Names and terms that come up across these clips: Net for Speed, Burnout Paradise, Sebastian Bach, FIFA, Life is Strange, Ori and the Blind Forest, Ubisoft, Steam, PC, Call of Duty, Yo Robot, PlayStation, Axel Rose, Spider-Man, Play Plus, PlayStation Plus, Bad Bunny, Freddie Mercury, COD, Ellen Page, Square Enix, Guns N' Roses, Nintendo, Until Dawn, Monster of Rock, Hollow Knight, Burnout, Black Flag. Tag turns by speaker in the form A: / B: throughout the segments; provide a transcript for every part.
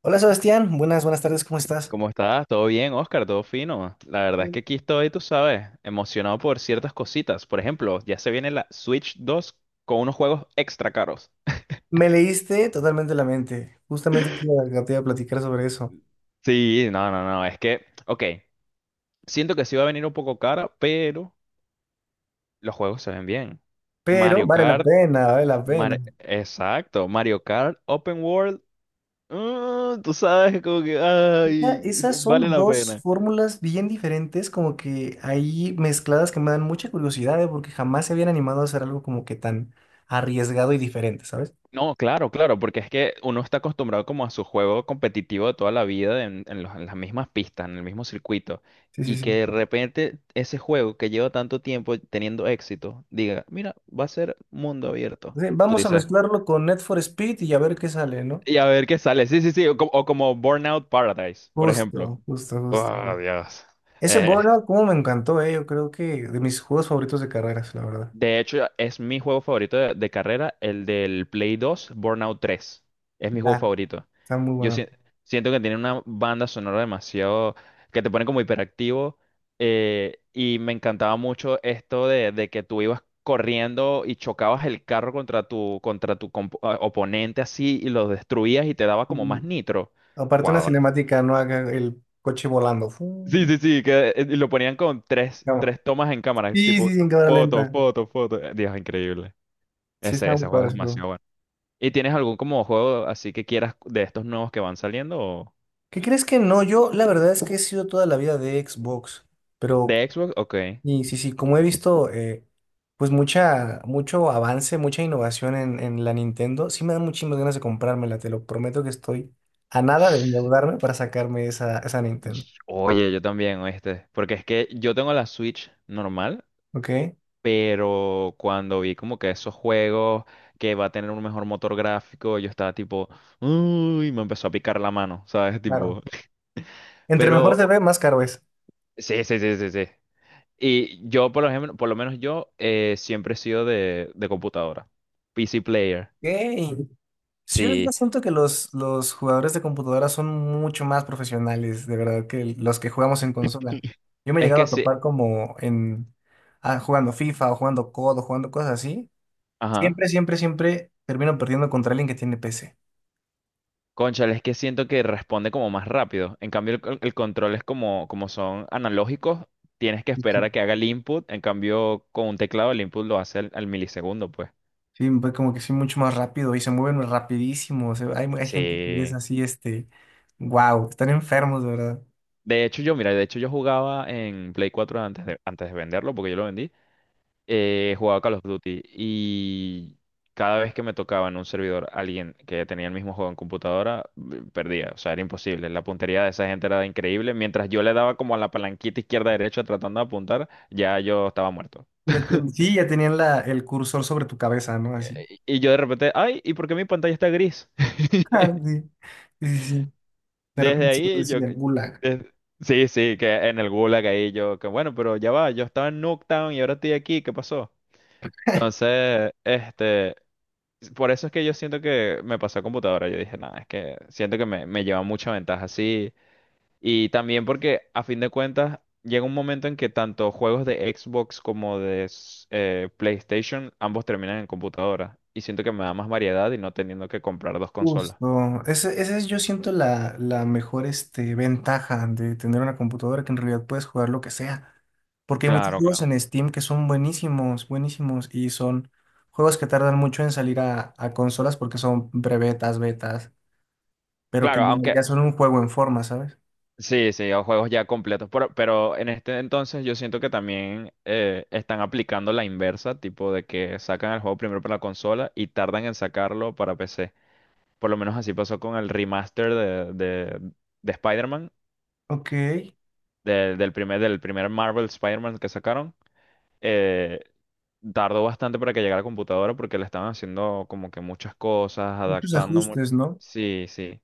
A: Hola Sebastián, buenas, buenas tardes, ¿cómo estás?
B: ¿Cómo estás? ¿Todo bien, Oscar? ¿Todo fino? La verdad es que aquí estoy, tú sabes, emocionado por ciertas cositas. Por ejemplo, ya se viene la Switch 2 con unos juegos extra caros.
A: Me leíste totalmente la mente, justamente te iba a platicar sobre eso,
B: Sí, no, no, no, es que, ok, siento que sí va a venir un poco cara, pero los juegos se ven bien.
A: pero
B: Mario
A: vale la
B: Kart,
A: pena, vale la pena.
B: Exacto, Mario Kart, Open World, tú sabes, como que, ay,
A: Esas
B: vale
A: son
B: la
A: dos
B: pena.
A: fórmulas bien diferentes, como que ahí mezcladas que me dan mucha curiosidad, ¿eh? Porque jamás se habían animado a hacer algo como que tan arriesgado y diferente, ¿sabes?
B: No, claro, claro, porque es que uno está acostumbrado como a su juego competitivo de toda la vida en las mismas pistas, en el mismo circuito,
A: Sí, sí,
B: y
A: sí.
B: que de repente ese juego que lleva tanto tiempo teniendo éxito diga, mira, va a ser mundo abierto.
A: Sí,
B: Tú
A: vamos a
B: dices,
A: mezclarlo con Net for Speed y a ver qué sale, ¿no?
B: y a ver qué sale. Sí, sí, sí, o como Burnout Paradise, por ejemplo.
A: Justo, justo, justo.
B: Oh, Dios.
A: Ese
B: Eh,
A: Burnout, como me encantó, ¿eh? Yo creo que de mis juegos favoritos de carreras, la verdad.
B: de hecho, es mi juego favorito de carrera, el del Play 2, Burnout 3. Es mi juego
A: Ah,
B: favorito.
A: está muy
B: Yo si-
A: bueno.
B: Siento que tiene una banda sonora demasiado que te pone como hiperactivo y me encantaba mucho esto de que tú ibas corriendo y chocabas el carro contra tu oponente así y lo destruías y te daba como
A: Y
B: más nitro.
A: aparte una
B: Wow.
A: cinemática, no haga el coche volando.
B: Sí, sí, sí, que y lo ponían con tres,
A: No.
B: tres tomas en cámara,
A: Sí,
B: tipo
A: sí, sin cámara
B: foto,
A: lenta.
B: foto, foto. Dios, increíble.
A: Sí,
B: Ese,
A: está muy
B: ese juego
A: padre
B: es
A: ese juego.
B: demasiado bueno. ¿Y tienes algún como juego así que quieras de estos nuevos que van saliendo
A: ¿Qué crees que no? Yo la verdad es que he sido toda la vida de Xbox, pero
B: de Xbox? Ok.
A: y sí, sí, como he visto, pues mucho avance, mucha innovación en la Nintendo, sí me dan muchísimas ganas de comprármela, te lo prometo que estoy a nada de endeudarme para sacarme esa, esa Nintendo,
B: Oye, yo también, este, porque es que yo tengo la Switch normal,
A: ¿ok?
B: pero cuando vi como que esos juegos que va a tener un mejor motor gráfico, yo estaba tipo, uy, me empezó a picar la mano, ¿sabes?
A: Claro.
B: Tipo.
A: Entre mejor
B: Pero
A: se ve, más caro es.
B: sí, sí, sí, sí, sí. Y yo, por ejemplo, por lo menos yo siempre he sido de computadora. PC player.
A: Ok. Sí, hoy en día
B: Sí.
A: siento que los jugadores de computadora son mucho más profesionales, de verdad, que los que jugamos en consola. Yo me he
B: Es
A: llegado
B: que
A: a
B: sí.
A: topar como en jugando FIFA o jugando COD o D o jugando cosas así.
B: Ajá.
A: Siempre, siempre, siempre termino perdiendo contra alguien que tiene PC.
B: Cónchale, es que siento que responde como más rápido. En cambio, el control es como son analógicos, tienes que
A: Sí,
B: esperar
A: sí.
B: a que haga el input. En cambio, con un teclado el input lo hace al milisegundo, pues.
A: Sí, pues como que sí, mucho más rápido y se mueven rapidísimo. O sea, hay gente que es
B: Sí.
A: así, wow, están enfermos, de verdad.
B: De hecho, yo, mira, de hecho yo jugaba en Play 4 antes de venderlo, porque yo lo vendí. Jugaba Call of Duty y cada vez que me tocaba en un servidor alguien que tenía el mismo juego en computadora, perdía. O sea, era imposible. La puntería de esa gente era increíble. Mientras yo le daba como a la palanquita izquierda-derecha tratando de apuntar, ya yo estaba muerto.
A: Ya ten- sí, ya tenían la, el cursor sobre tu cabeza, ¿no? Así.
B: Y yo de repente, ay, ¿y por qué mi pantalla está gris?
A: Ah, sí, sí, sí. Sí. De
B: Desde
A: repente se lo
B: ahí yo...
A: decía, gulag.
B: des- Sí, sí, que en el Gulag ahí yo, que bueno, pero ya va, yo estaba en Nuketown y ahora estoy aquí, ¿qué pasó? Entonces, por eso es que yo siento que me pasó a computadora. Yo dije, nada, es que siento que me lleva mucha ventaja así. Y también porque, a fin de cuentas, llega un momento en que tanto juegos de Xbox como de PlayStation, ambos terminan en computadora. Y siento que me da más variedad y no teniendo que comprar dos consolas.
A: Justo, esa es, yo siento, la mejor, ventaja de tener una computadora, que en realidad puedes jugar lo que sea, porque hay muchos
B: Claro,
A: juegos
B: claro.
A: en Steam que son buenísimos, buenísimos, y son juegos que tardan mucho en salir a consolas porque son betas, pero que
B: Claro,
A: ya,
B: aunque
A: ya son un juego en forma, ¿sabes?
B: sí, sí, o juegos ya completos. Pero en este entonces yo siento que también están aplicando la inversa, tipo de que sacan el juego primero para la consola y tardan en sacarlo para PC. Por lo menos así pasó con el remaster de Spider-Man,
A: Ok,
B: del primer Marvel Spider-Man que sacaron. Eh, Tardó bastante para que llegara a la computadora porque le estaban haciendo como que muchas cosas,
A: muchos
B: adaptando.
A: ajustes, ¿no?
B: Sí, sí.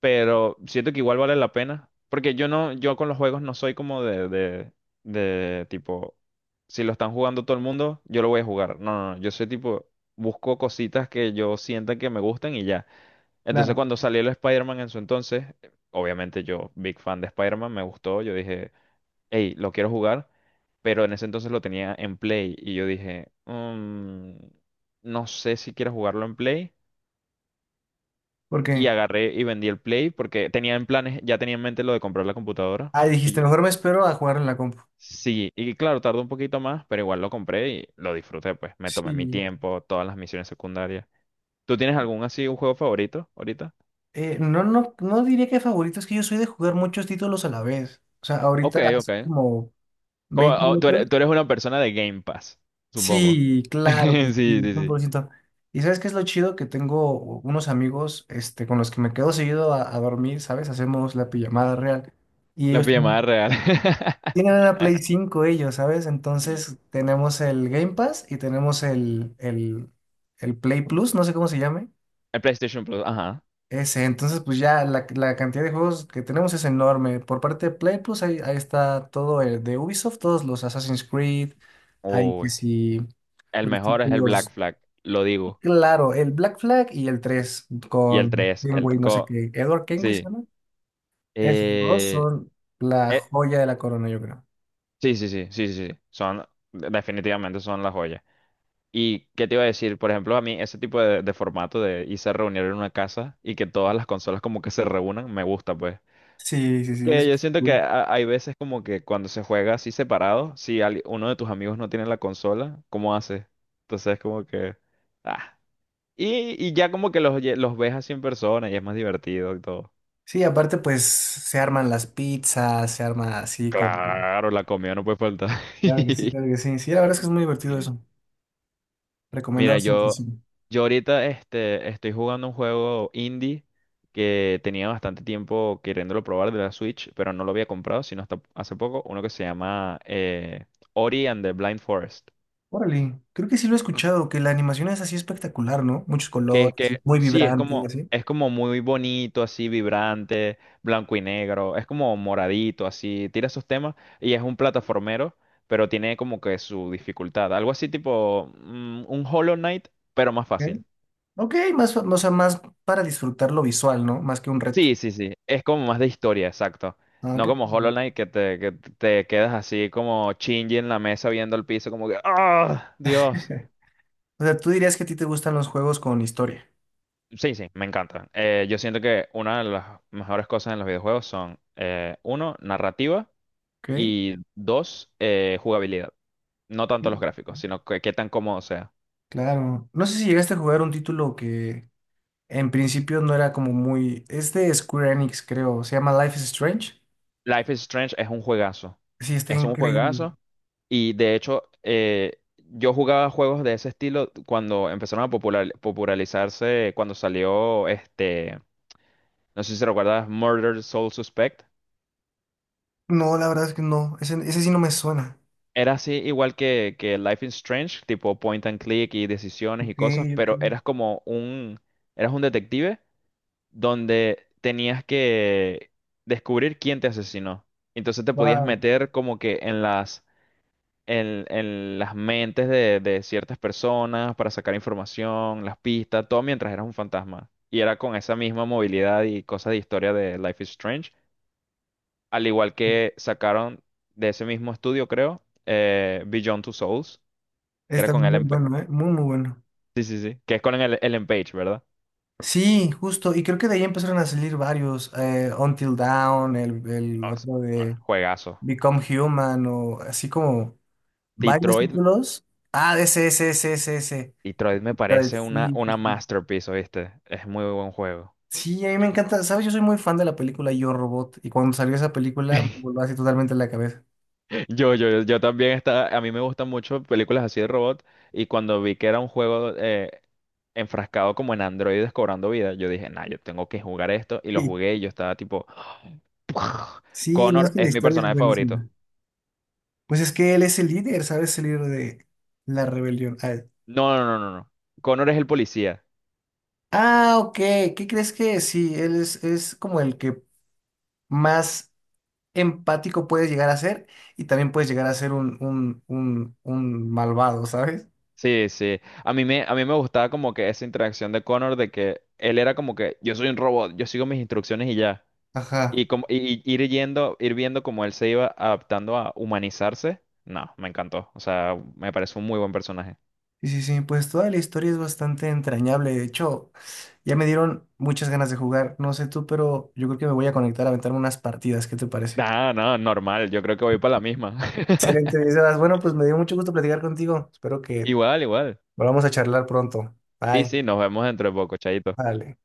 B: Pero siento que igual vale la pena. Porque yo no, yo con los juegos no soy como de tipo, si lo están jugando todo el mundo, yo lo voy a jugar. No, no, no. Yo soy tipo, busco cositas que yo sienta que me gustan y ya. Entonces
A: Claro,
B: cuando salió el Spider-Man en su entonces, obviamente yo, big fan de Spider-Man, me gustó, yo dije, hey, lo quiero jugar, pero en ese entonces lo tenía en Play y yo dije, "Mm, no sé si quiero jugarlo en Play". Y
A: porque,
B: agarré y vendí el Play porque tenía en planes, ya tenía en mente lo de comprar la computadora.
A: ah,
B: Y
A: dijiste,
B: yo dije,
A: mejor me espero a jugar en la compu.
B: sí, y claro, tardó un poquito más, pero igual lo compré y lo disfruté, pues me tomé mi
A: Sí.
B: tiempo, todas las misiones secundarias. ¿Tú tienes algún así, un juego favorito ahorita?
A: No, no, no diría que favorito, es que yo soy de jugar muchos títulos a la vez. O sea,
B: Ok,
A: ahorita hace
B: ok.
A: como 20
B: Oh, tú
A: minutos.
B: eres, tú eres una persona de Game Pass, supongo.
A: Sí, claro que
B: Sí,
A: sí,
B: sí,
A: cien
B: sí.
A: por ciento ¿Y sabes qué es lo chido? Que tengo unos amigos, con los que me quedo seguido a dormir, ¿sabes? Hacemos la pijamada real. Y
B: La pijamada real.
A: tienen una Play 5 ellos, ¿sabes? Entonces tenemos el Game Pass y tenemos el Play Plus, no sé cómo se llame.
B: El PlayStation Plus, ajá.
A: Ese, entonces pues ya la cantidad de juegos que tenemos es enorme. Por parte de Play, pues ahí, ahí está todo el de Ubisoft, todos los Assassin's Creed, ahí que
B: Uy.
A: sí,
B: El
A: los
B: mejor es el Black
A: títulos.
B: Flag, lo digo.
A: Claro, el Black Flag y el 3
B: Y el
A: con
B: tres,
A: Kenway, no sé qué, Edward Kenway se
B: sí.
A: llama. Esos dos
B: Eh,
A: son la
B: eh,
A: joya de la corona, yo creo.
B: sí, sí, sí, sí, sí, sí. Son, definitivamente son las joyas. ¿Y qué te iba a decir? Por ejemplo, a mí ese tipo de formato de irse a reunir en una casa y que todas las consolas como que se reúnan, me gusta, pues.
A: Sí, sí, sí,
B: Que
A: eso
B: yo
A: es
B: siento que
A: cool.
B: hay veces como que cuando se juega así separado, si uno de tus amigos no tiene la consola, ¿cómo haces? Entonces como que... ah. Y ya como que los ves así en persona y es más divertido y todo.
A: Sí, aparte pues se arman las pizzas, se arma así como...
B: Claro, la comida no puede faltar.
A: Claro que sí, claro que sí. Sí, la verdad es que es muy divertido eso.
B: Mira,
A: Recomendado siempre.
B: yo,
A: Sí.
B: yo ahorita estoy jugando un juego indie que tenía bastante tiempo queriéndolo probar de la Switch, pero no lo había comprado, sino hasta hace poco, uno que se llama Ori and the Blind Forest.
A: Órale, creo que sí lo he escuchado, que la animación es así espectacular, ¿no? Muchos
B: Que es
A: colores,
B: que
A: muy
B: sí, es
A: vibrante y
B: como,
A: así.
B: es como muy bonito, así vibrante, blanco y negro, es como moradito, así, tira esos temas y es un plataformero, pero tiene como que su dificultad, algo así tipo un Hollow Knight, pero más
A: Ok,
B: fácil.
A: ok, más, o sea, más para disfrutar lo visual, ¿no? Más que un reto.
B: Sí, sí, sí, es como más de historia, exacto.
A: Ah,
B: No
A: qué
B: como
A: padre.
B: Hollow Knight que te quedas así como chingy en la mesa viendo el piso como que ¡ah! Dios.
A: O sea, tú dirías que a ti te gustan los juegos con historia,
B: Sí, sí, me encanta. Yo siento que una de las mejores cosas en los videojuegos son, uno, narrativa.
A: ¿ok?
B: Y dos, jugabilidad. No
A: Sí.
B: tanto los gráficos, sino que, qué tan cómodo sea.
A: Claro. No sé si llegaste a jugar un título que en principio no era como muy... Es de Square Enix, creo. Se llama Life is Strange.
B: Life is Strange es un juegazo.
A: Sí, está
B: Es un
A: increíble.
B: juegazo. Y de hecho, yo jugaba juegos de ese estilo cuando empezaron a popularizarse, cuando salió este, no sé si recuerdas, Murder Soul Suspect.
A: No, la verdad es que no. Ese sí no me suena.
B: Era así igual que Life is Strange, tipo point and click y decisiones y
A: Ok,
B: cosas, pero eras un detective donde tenías que descubrir quién te asesinó. Entonces te podías
A: ok.
B: meter como que en las mentes de ciertas personas para sacar información, las pistas, todo mientras eras un fantasma. Y era con esa misma movilidad y cosas de historia de Life is Strange. Al igual que sacaron de ese mismo estudio, creo, Beyond Two Souls, que era
A: Está
B: con
A: muy
B: Ellen Page.
A: bueno, ¿eh? Muy, muy bueno.
B: Sí, sí, sí. Que es con el Ellen Page, ¿verdad?
A: Sí, justo. Y creo que de ahí empezaron a salir varios. Until Dawn, el
B: O sea,
A: otro de
B: juegazo.
A: Become Human, o así como varios
B: Detroit.
A: títulos. Ah, ese, ese, ese, ese, ese.
B: Y Troid me
A: Ay,
B: parece una,
A: sí,
B: una
A: sí, sí.
B: masterpiece, ¿viste? Es muy buen juego.
A: Sí, a mí me encanta. ¿Sabes? Yo soy muy fan de la película Yo Robot. Y cuando salió esa película, me voló así totalmente la cabeza.
B: Yo también estaba a mí me gustan mucho películas así de robot, y cuando vi que era un juego enfrascado como en androides cobrando vida, yo dije, nah, yo tengo que jugar esto, y lo
A: Sí,
B: jugué y yo estaba tipo,
A: sí, no es
B: Connor
A: que la
B: es mi
A: historia es
B: personaje favorito.
A: buenísima. Pues es que él es el líder, ¿sabes? El líder de la rebelión. Ah,
B: No, no, no, no, no. Connor es el policía.
A: ah, ok. ¿Qué crees que sí? Él es como el que más empático puedes llegar a ser, y también puedes llegar a ser un malvado, ¿sabes?
B: Sí, sí. A mí me gustaba como que esa interacción de Connor de que él era como que yo soy un robot, yo sigo mis instrucciones y ya.
A: Ajá.
B: Y, como, y ir viendo cómo él se iba adaptando a humanizarse, no, me encantó. O sea, me parece un muy buen personaje.
A: Sí, sí, sí. Pues toda la historia es bastante entrañable. De hecho, ya me dieron muchas ganas de jugar. No sé tú, pero yo creo que me voy a conectar a aventarme unas partidas. ¿Qué te parece?
B: Ah, no, normal, yo creo que voy para la misma.
A: Excelente, mi Sebas. Bueno, pues me dio mucho gusto platicar contigo. Espero que
B: Igual, igual.
A: volvamos a charlar pronto.
B: Sí,
A: Bye.
B: sí, nos vemos dentro de poco, chaito.
A: Vale.